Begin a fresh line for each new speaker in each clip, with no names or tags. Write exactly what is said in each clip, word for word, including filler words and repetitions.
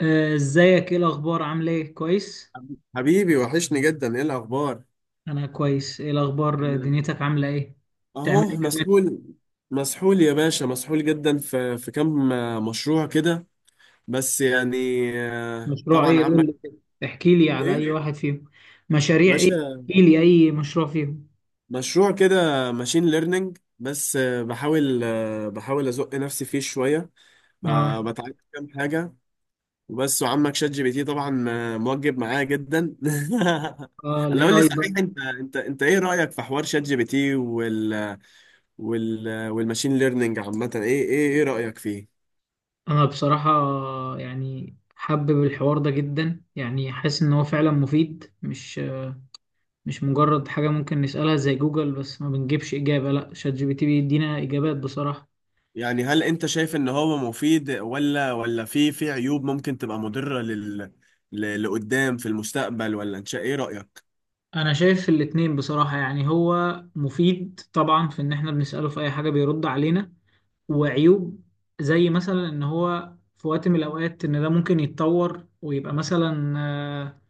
آه، ازيك؟ ايه الاخبار؟ عامله ايه؟ كويس.
حبيبي وحشني جدا، ايه الاخبار؟
انا كويس. ايه الاخبار؟
انا
دنيتك عامله ايه؟ بتعمل
اهو
ايه اليومين؟
مسحول. مسحول يا باشا، مسحول جدا في في كام مشروع كده، بس يعني آه،
مشروع
طبعا
ايه؟ قول
عمك.
لي كده. احكي لي
ايه
على
يا
اي واحد فيهم. مشاريع ايه؟
باشا،
احكي لي اي مشروع فيهم.
مشروع كده ماشين ليرنينج بس آه، بحاول، آه، بحاول ازق نفسي فيه شويه،
اه.
ب- بتعلم كام حاجه وبس. وعمك شات جي بي تي طبعا آه، موجب معايا جدا.
اه،
اللي
الاي
قول لي،
اي
صحيح
ده؟
انت انت انت ايه رايك في حوار شات جي بي تي وال وال والماشين ليرنينج عامة؟ ايه ايه ايه رأيك فيه؟
انا بصراحه يعني حابب الحوار ده جدا، يعني حاسس ان هو فعلا مفيد، مش مش مجرد حاجه ممكن نسالها زي جوجل بس ما بنجيبش اجابه. لا، شات جي بي تي بيدينا اجابات بصراحه.
يعني هل انت شايف ان هو مفيد ولا ولا في في عيوب ممكن تبقى مضرة لل ل- لقدام في المستقبل؟ ولا انت شا- ايه رأيك؟
انا شايف الاتنين بصراحة. يعني هو مفيد طبعا في ان احنا بنسأله في اي حاجة بيرد علينا. وعيوب زي مثلا ان هو في وقت من الاوقات، ان ده ممكن يتطور ويبقى مثلا، آه،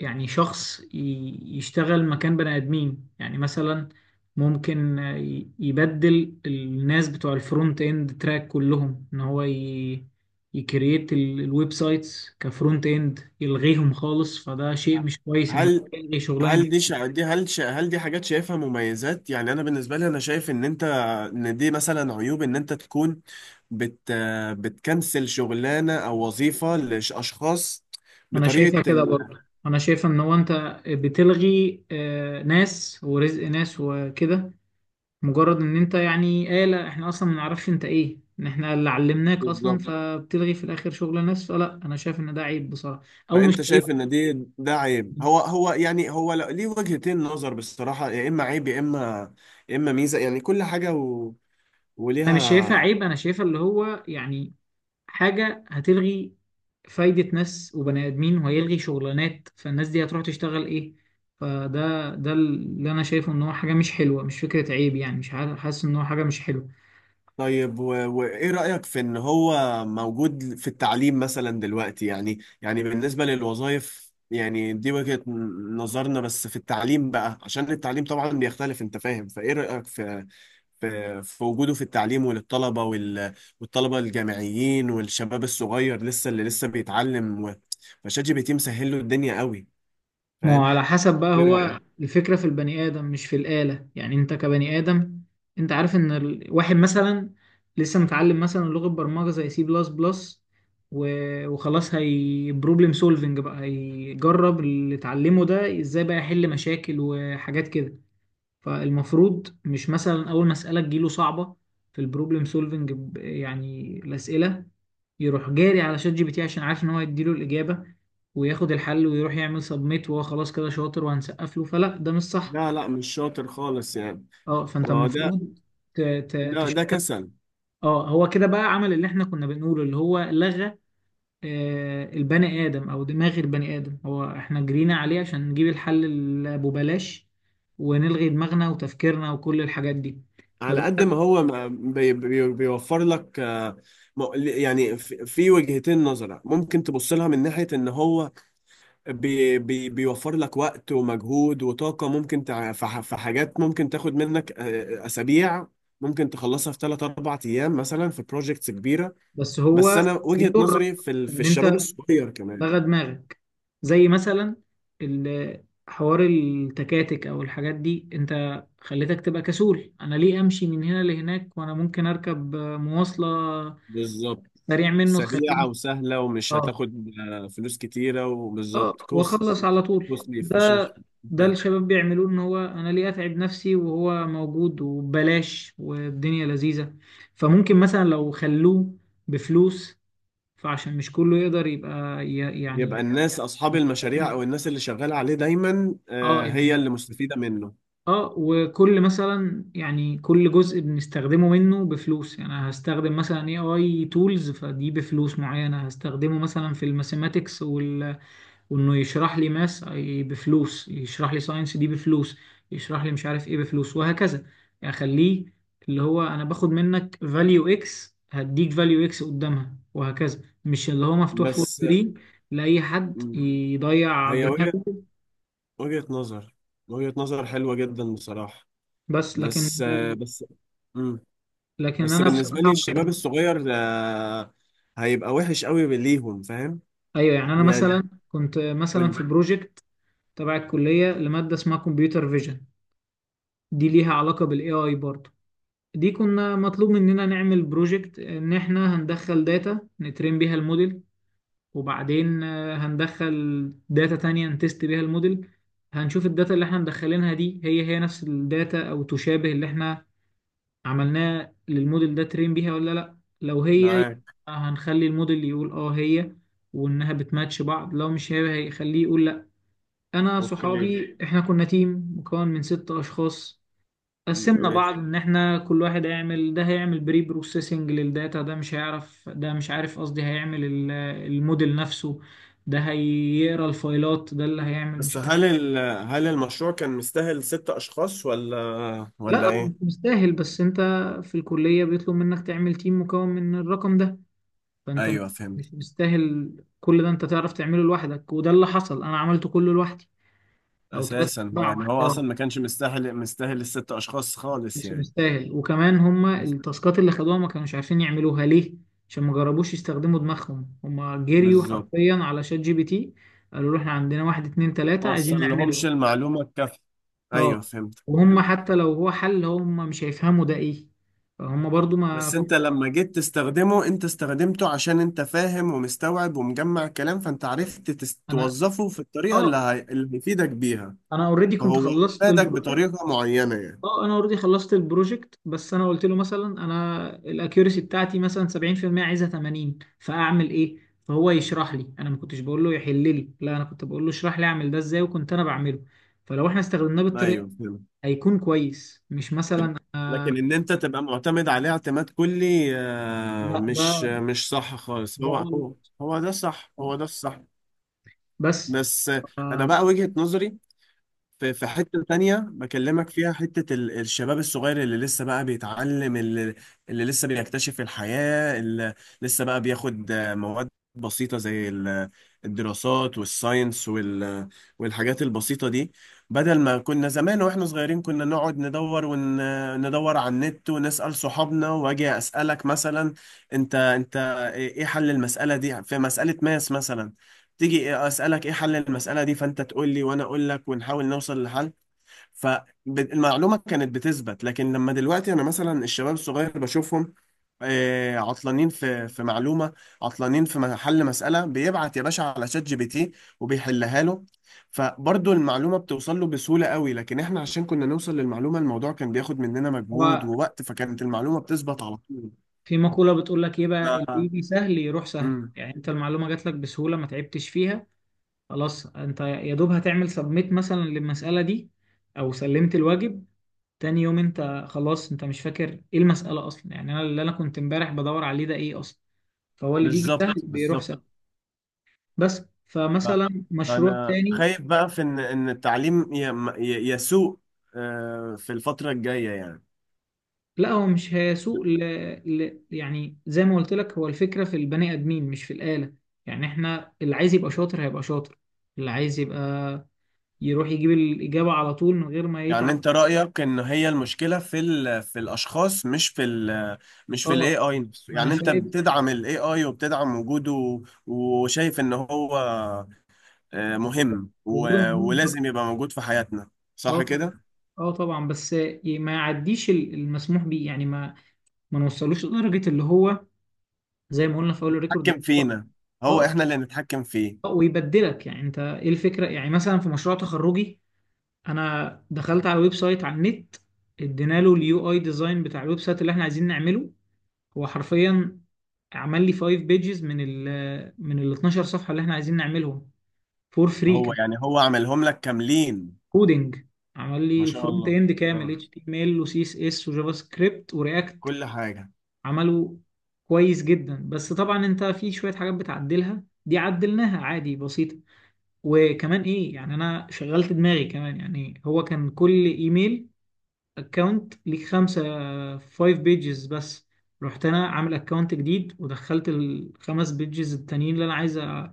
يعني شخص ي- يشتغل مكان بني ادمين، يعني مثلا ممكن آه، ي- يبدل الناس بتوع الفرونت اند تراك كلهم، ان هو ي... يكريت ال- الويب سايتس كفرونت اند، يلغيهم خالص. فده شيء مش كويس انه
هل
يلغي شغلانة.
هل دي شا... دي هل شا... هل دي حاجات شايفها مميزات؟ يعني انا بالنسبه لي انا شايف ان انت، ان دي مثلا عيوب، ان انت تكون بت بتكنسل شغلانه او وظيفه لاشخاص
انا
بطريقه
شايفها كده
ال...
برضه. انا شايف ان هو انت بتلغي آه، ناس ورزق ناس وكده. مجرد ان انت يعني آلة، احنا اصلا ما نعرفش انت ايه، ان احنا اللي علمناك اصلا،
بالظبط.
فبتلغي في الاخر شغل ناس. فلا، انا شايف ان ده عيب بصراحة. او مش
فانت
عيب.
شايف ان دي ده عيب. هو هو يعني هو لا- ليه وجهتين نظر بصراحه، يا اما عيب يا اما يا اما ميزه، يعني كل حاجه و...
انا مش شايفها
وليها.
عيب، انا شايفها اللي هو يعني حاجة هتلغي فايدة ناس وبني ادمين وهيلغي شغلانات، فالناس دي هتروح تشتغل ايه؟ فده ده اللي انا شايفه، ان هو حاجة مش حلوة، مش فكرة عيب. يعني مش عارف- حاسس ان هو حاجة مش حلوة.
طيب و- وإيه رأيك في إن هو موجود في التعليم مثلا دلوقتي؟ يعني يعني بالنسبة للوظائف يعني دي وجهة ن- نظرنا، بس في التعليم بقى، عشان التعليم طبعا بيختلف، أنت فاهم. فإيه رأيك في في في وجوده في التعليم، وللطلبة وال- والطلبة الجامعيين والشباب الصغير لسه، اللي لسه بيتعلم و- فشات جي بي تي مسهل له الدنيا قوي،
ما هو
فاهم؟
على حسب بقى.
إيه
هو
رأيك؟
الفكرة في البني آدم مش في الآلة، يعني أنت كبني آدم. أنت عارف إن ال- واحد مثلا لسه متعلم مثلا لغة برمجة زي سي بلس بلس، وخلاص هي بروبلم سولفنج بقى، هيجرب اللي اتعلمه ده إزاي بقى يحل مشاكل وحاجات كده. فالمفروض مش مثلا اول مسألة تجيله صعبة في البروبلم سولفنج، يعني الأسئلة، يروح جاري على شات جي بي تي عشان عارف ان هو هيديله الإجابة، وياخد الحل ويروح يعمل سبميت، وهو خلاص كده شاطر وهنسقف له. فلا، ده مش صح.
لا لا، مش شاطر خالص يعني.
اه، فانت
ما هو ده،
المفروض ت- ت-
ده ده
تشتغل.
كسل.
اه، هو كده بقى عمل اللي احنا كنا بنقوله، اللي هو لغى آه، البني آدم او دماغ البني آدم. هو احنا جرينا عليه عشان نجيب الحل اللي ببلاش، ونلغي دماغنا وتفكيرنا وكل الحاجات دي.
على
فده،
قد ما هو ما- بي بي بيوفر لك، آه، م- يعني في في وجهتين نظرة ممكن تبص لها، من ناحية ان هو بي بي بيوفر لك وقت ومجهود وطاقة، ممكن تع- في ح- في حاجات ممكن تاخد منك آه، اسابيع، ممكن تخلصها في ثلاث أربعة ايام مثلا، في بروجكتس كبيرة.
بس
بس
هو
انا وجهة
بيضرك
نظري في ال- في
ان انت
الشباب الصغير كمان.
لغى دماغك. زي مثلا ال- حوار التكاتك او الحاجات دي، انت خليتك تبقى كسول. انا ليه امشي من هنا لهناك وانا ممكن اركب مواصلة
بالظبط،
سريع منه
سريعة
تخليني.
وسهلة ومش
اه.
هتاخد آه، فلوس كتيرة،
اه،
وبالظبط كوست
واخلص على طول.
كوستلي
ده
efficient.
ده الشباب بيعملوه، ان هو انا ليه اتعب نفسي وهو موجود وببلاش والدنيا لذيذة. فممكن مثلا لو خلوه بفلوس، فعشان مش كله يقدر يبقى ي- يعني
يبقى الناس أصحاب المشاريع،
بنستخدمه.
أو الناس اللي شغالة عليه دايما
اه،
آه، هي
يعني
اللي مستفيدة منه.
اه، وكل مثلا يعني كل جزء بنستخدمه منه بفلوس. يعني أنا هستخدم مثلا اي اي تولز، فدي بفلوس معينة. هستخدمه مثلا في الماثيماتكس وال... وانه يشرح لي ماس بفلوس، يشرح لي ساينس دي بفلوس، يشرح لي مش عارف ايه بفلوس، وهكذا. يعني اخليه اللي هو انا باخد منك فاليو اكس هديك فاليو اكس قدامها وهكذا، مش اللي هو مفتوح فور
بس
فري لأي حد
مم،
يضيع
هي وجهة
دماغه.
وجهة نظر وجهة نظر حلوة جدا بصراحة.
بس لكن
بس آه، بس مم،
لكن
بس
انا بصراحه
بالنسبة
ما
لي الشباب
بحب-
الصغير آه، هيبقى وحش قوي ليهم، فاهم؟
ايوه، يعني انا
يعني
مثلا كنت مثلا
قول.
في بروجكت تبع الكليه، لماده اسمها كمبيوتر فيجن. دي ليها علاقه بالاي اي برضه. دي كنا مطلوب مننا نعمل بروجكت ان احنا هندخل داتا نترين بيها الموديل، وبعدين آه، هندخل داتا تانية نتست بيها الموديل. هنشوف الداتا اللي احنا مدخلينها دي هي هي نفس الداتا او تشابه اللي احنا عملناه للموديل ده ترين بيها ولا لا. لو هي مم.
معاك.
يبقى هنخلي الموديل يقول اه هي، وانها بتماتش بعض. لو مش هي هيخليه يقول لا. انا
اوكي.
صحابي، احنا كنا تيم مكون من ست اشخاص. قسمنا مم.
ماشي.
بعض ان احنا كل واحد هيعمل. ده هيعمل بري بروسيسنج للداتا، ده مش هيعرف، ده مش عارف قصدي، هيعمل ال- الموديل نفسه، ده هيقرا الفايلات، ده اللي هيعمل
بس
مش عارف.
هل ال... هل المشروع كان مستاهل ست أشخاص ولا ولا
لا، هو مش
إيه؟
مستاهل. بس انت في الكلية بيطلب منك تعمل تيم مكون من الرقم ده. فانت مش
أيوه، فهمت.
مش مستاهل. كل ده انت تعرف تعمله لوحدك، وده اللي حصل، انا عملته كله لوحدي. او ثلاث
اساسا هو يعني
ارباعه،
هو اصلا
اه.
ما كانش مستاهل، مستاهل الست اشخاص خالص
مش
يعني.
مستاهل. وكمان هما
بس-
التاسكات اللي خدوها ما كانوش عارفين يعملوها ليه، عشان ما جربوش يستخدموا دماغهم. هما جريوا
بالظبط.
حرفيا على شات جي بي تي، قالوا له احنا عندنا واحد اتنين
ما
تلاتة عايزين
وصل لهمش
نعمله.
المعلومه الكافيه. ايوه،
اه،
فهمت
وهم
فهمت.
حتى لو هو حل، هم مش هيفهموا ده ايه. فهم برضو ما
بس انت لما جيت تستخدمه، انت استخدمته عشان انت فاهم ومستوعب ومجمع كلام، فانت عرفت تس-
انا
توظفه في الطريقه اللي
اه
هي... اللي هيفيدك بيها.
انا اوريدي كنت
فهو
خلصت
فادك
البروجكت.
بطريقه معينه يعني.
اه، انا اوريدي خلصت البروجكت. بس انا قلت له مثلا، انا الاكيورسي بتاعتي مثلا سبعين في المية، عايزها ثمانين، فاعمل ايه؟ فهو يشرح لي. انا ما كنتش بقول له يحل لي، لا، انا كنت بقول له اشرح لي، اعمل ده ازاي، وكنت انا بعمله. فلو احنا استخدمناه بالطريقه
ايوه، فهمت.
هيكون كويس، مش مثلا آه
لكن ان انت تبقى معتمد عليه اعتماد كلي آه،
لا، ده
مش مش صح خالص.
ده
هو هو
غلط.
هو ده الصح، هو ده الصح.
بس.
بس انا
آه
بقى وجهة نظري في في حتة تانية بكلمك فيها، حتة ال- الشباب الصغير اللي لسه بقى بيتعلم، اللي، اللي لسه بيكتشف الحياة، اللي لسه بقى بياخد آه، مواد بسيطة زي ال- الدراسات والساينس وال والحاجات البسيطة دي. بدل ما كنا زمان واحنا صغيرين، كنا نقعد ندور وندور على النت، ونسأل صحابنا، واجي أسألك مثلا انت انت ايه، إيه حل المسألة دي، في مسألة ماس مثلا، تيجي اسالك ايه حل المساله دي، فانت تقول لي وانا اقول لك ونحاول نوصل لحل. فالمعلومه كانت بتثبت. لكن لما دلوقتي، انا مثلا الشباب الصغير بشوفهم آه، عطلانين في في معلومه، عطلانين في م- حل مساله، بيبعت يا باشا على شات جي بي تي وبيحلها له. فبرضه المعلومه بتوصل له بسهوله قوي، لكن احنا عشان كنا نوصل للمعلومه، الموضوع كان بياخد مننا مجهود
هو
ووقت، فكانت المعلومه بتثبت على طول.
في مقوله بتقول لك ايه بقى: اللي
ف...
يجي سهل يروح سهل.
مم.
يعني انت المعلومه جات لك بسهوله، ما تعبتش فيها. خلاص، انت يا دوب هتعمل سبميت مثلا للمسألة دي، او سلمت الواجب. تاني يوم انت خلاص، انت مش فاكر ايه المسألة اصلا. يعني انا اللي انا كنت امبارح بدور عليه ده ايه اصلا؟ فهو اللي بيجي سهل
بالظبط
بيروح
بالظبط.
سهل. بس
لا،
فمثلا مشروع
انا
تاني.
خايف بقى في ان ان التعليم ي- م- ي- يسوء آه، في الفترة الجاية يعني.
لا، هو مش هيسوق ل... ل... يعني زي ما قلت لك، هو الفكرة في البني ادمين مش في الآلة. يعني احنا اللي عايز يبقى شاطر هيبقى شاطر، اللي عايز يبقى يروح يجيب الإجابة على طول من غير ما
يعني
يتعب.
انت رأيك ان هي المشكلة في ال في الاشخاص، مش في ال مش في الاي
اه،
اي نفسه؟
انا
يعني انت
شايف
بتدعم الاي اي وبتدعم وجوده، وشايف ان هو آه، مهم
وجوده
و-
مهم.
ولازم يبقى موجود في حياتنا،
اه
صح
طبعا.
كده؟
اه طبعا، بس ما يعديش ال- المسموح بيه. يعني ما ما نوصلوش لدرجه اللي هو، زي ما قلنا في اول الريكورد.
حكم فينا. هو
اه.
احنا اللي نتحكم
اه،
فيه.
ويبدلك. يعني انت ايه الفكره؟ يعني مثلا في مشروع تخرجي، انا دخلت على ويب سايت على النت، ادينا له اليو اي ديزاين بتاع الويب سايت اللي احنا عايزين نعمله. هو حرفيا عمل لي خمسة بيجز من ال من ال اثنا عشر صفحه اللي احنا عايزين نعملهم، فور فري
هو
كان.
يعني هو عملهم لك كاملين؟
كودنج، عمل لي
ما شاء
الفرونت
الله.
اند كامل،
آه،
اتش تي ام ال وسي اس اس وجافا سكريبت ورياكت.
كل حاجة.
عملوا كويس جدا. بس طبعا انت في شوية حاجات بتعدلها، دي عدلناها عادي، بسيطة. وكمان ايه، يعني انا شغلت دماغي كمان. يعني هو كان كل ايميل اكونت ليك خمسة، فايف بيجز بس. رحت انا عامل اكونت جديد ودخلت الخمس بيجز التانيين اللي انا عايز أ-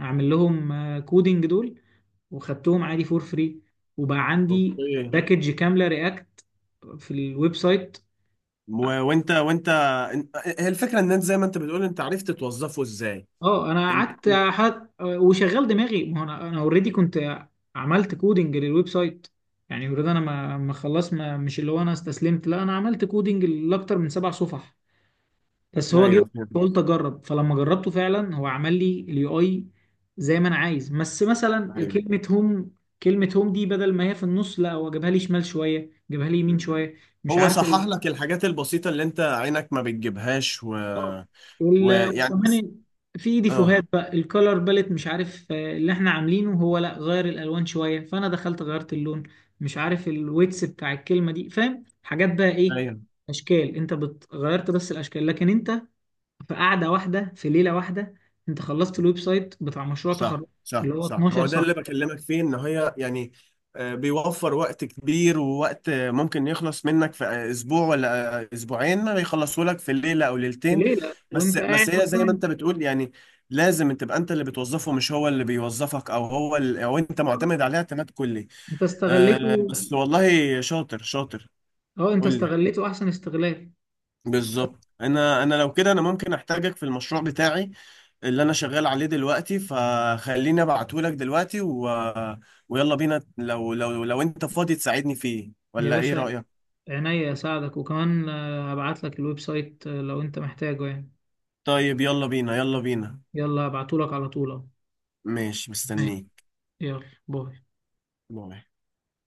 اعمل لهم كودينج دول، وخدتهم عادي فور فري. وبقى عندي
اوكي.
باكج كاملة رياكت في الويب سايت.
و- وانت وانت انت- هي الفكره ان انت، زي ما انت بتقول، انت عرفت توظفه ازاي.
اه، انا
انت
قعدت
انت-
حد... وشغال دماغي. ما هو انا انا اوريدي كنت عملت كودنج للويب سايت. يعني اوريدي انا ما ما خلاص، ما مش اللي هو انا استسلمت. لا، انا عملت كودنج لاكتر من سبع صفح. بس هو جه
ايوه، فهمت.
قلت اجرب. فلما جربته فعلا هو عمل لي اليو اي زي ما انا عايز. بس مثلا
ايوه،
كلمه هوم، كلمه هوم دي بدل ما هي في النص، لا، هو جابها لي شمال شويه، جابها لي يمين
فهمت.
شويه، مش
هو
عارف
صحح لك الحاجات البسيطه اللي انت عينك ما بتجيبهاش و...
آه. وال-
ويعني بس.
وكمان في
اه.
ديفوهات بقى الكولر باليت مش عارف آه، اللي احنا عاملينه هو، لا، غير الالوان شويه. فانا دخلت غيرت اللون، مش عارف الويتس بتاع الكلمه دي، فاهم حاجات بقى ايه،
ايوه،
اشكال. انت بت... غيرت بس الاشكال. لكن انت في قعده واحده، في ليله واحده، انت خلصت الويب سايت بتاع مشروع
صح
تخرج
صح
اللي هو
صح. ما هو
اثنا عشر
ده اللي
صفحه،
بكلمك فيه، ان هي يعني آه، بيوفر وقت كبير، ووقت آه، ممكن يخلص منك في آه، اسبوع ولا آه، اسبوعين، ما بيخلصوا لك في ليله او
في
ليلتين.
ليله
بس
وانت
بس
قاعد
هي زي ما
اصلا.
انت بتقول يعني، لازم تبقى انت اللي بتوظفه، مش هو اللي بيوظفك، او هو اللي، او انت
آه،
معتمد عليه اعتماد كلي
انت
آه،
استغليته.
بس والله شاطر، شاطر.
اه، انت
قول لي،
استغليته احسن استغلال.
بالظبط. انا انا لو كده انا ممكن احتاجك في المشروع بتاعي اللي انا شغال عليه دلوقتي، فخليني ابعتهولك دلوقتي و... ويلا بينا، لو لو لو انت فاضي تساعدني فيه،
يا
ولا ايه
باشا،
رأيك؟
عينيا اساعدك. وكمان آه، هبعت لك الويب سايت، آه، لو انت محتاجه يعني.
طيب يلا بينا، يلا بينا.
يلا هبعته لك على طول أهو.
ماشي،
ماشي.
مستنيك.
يلا باي.
باي.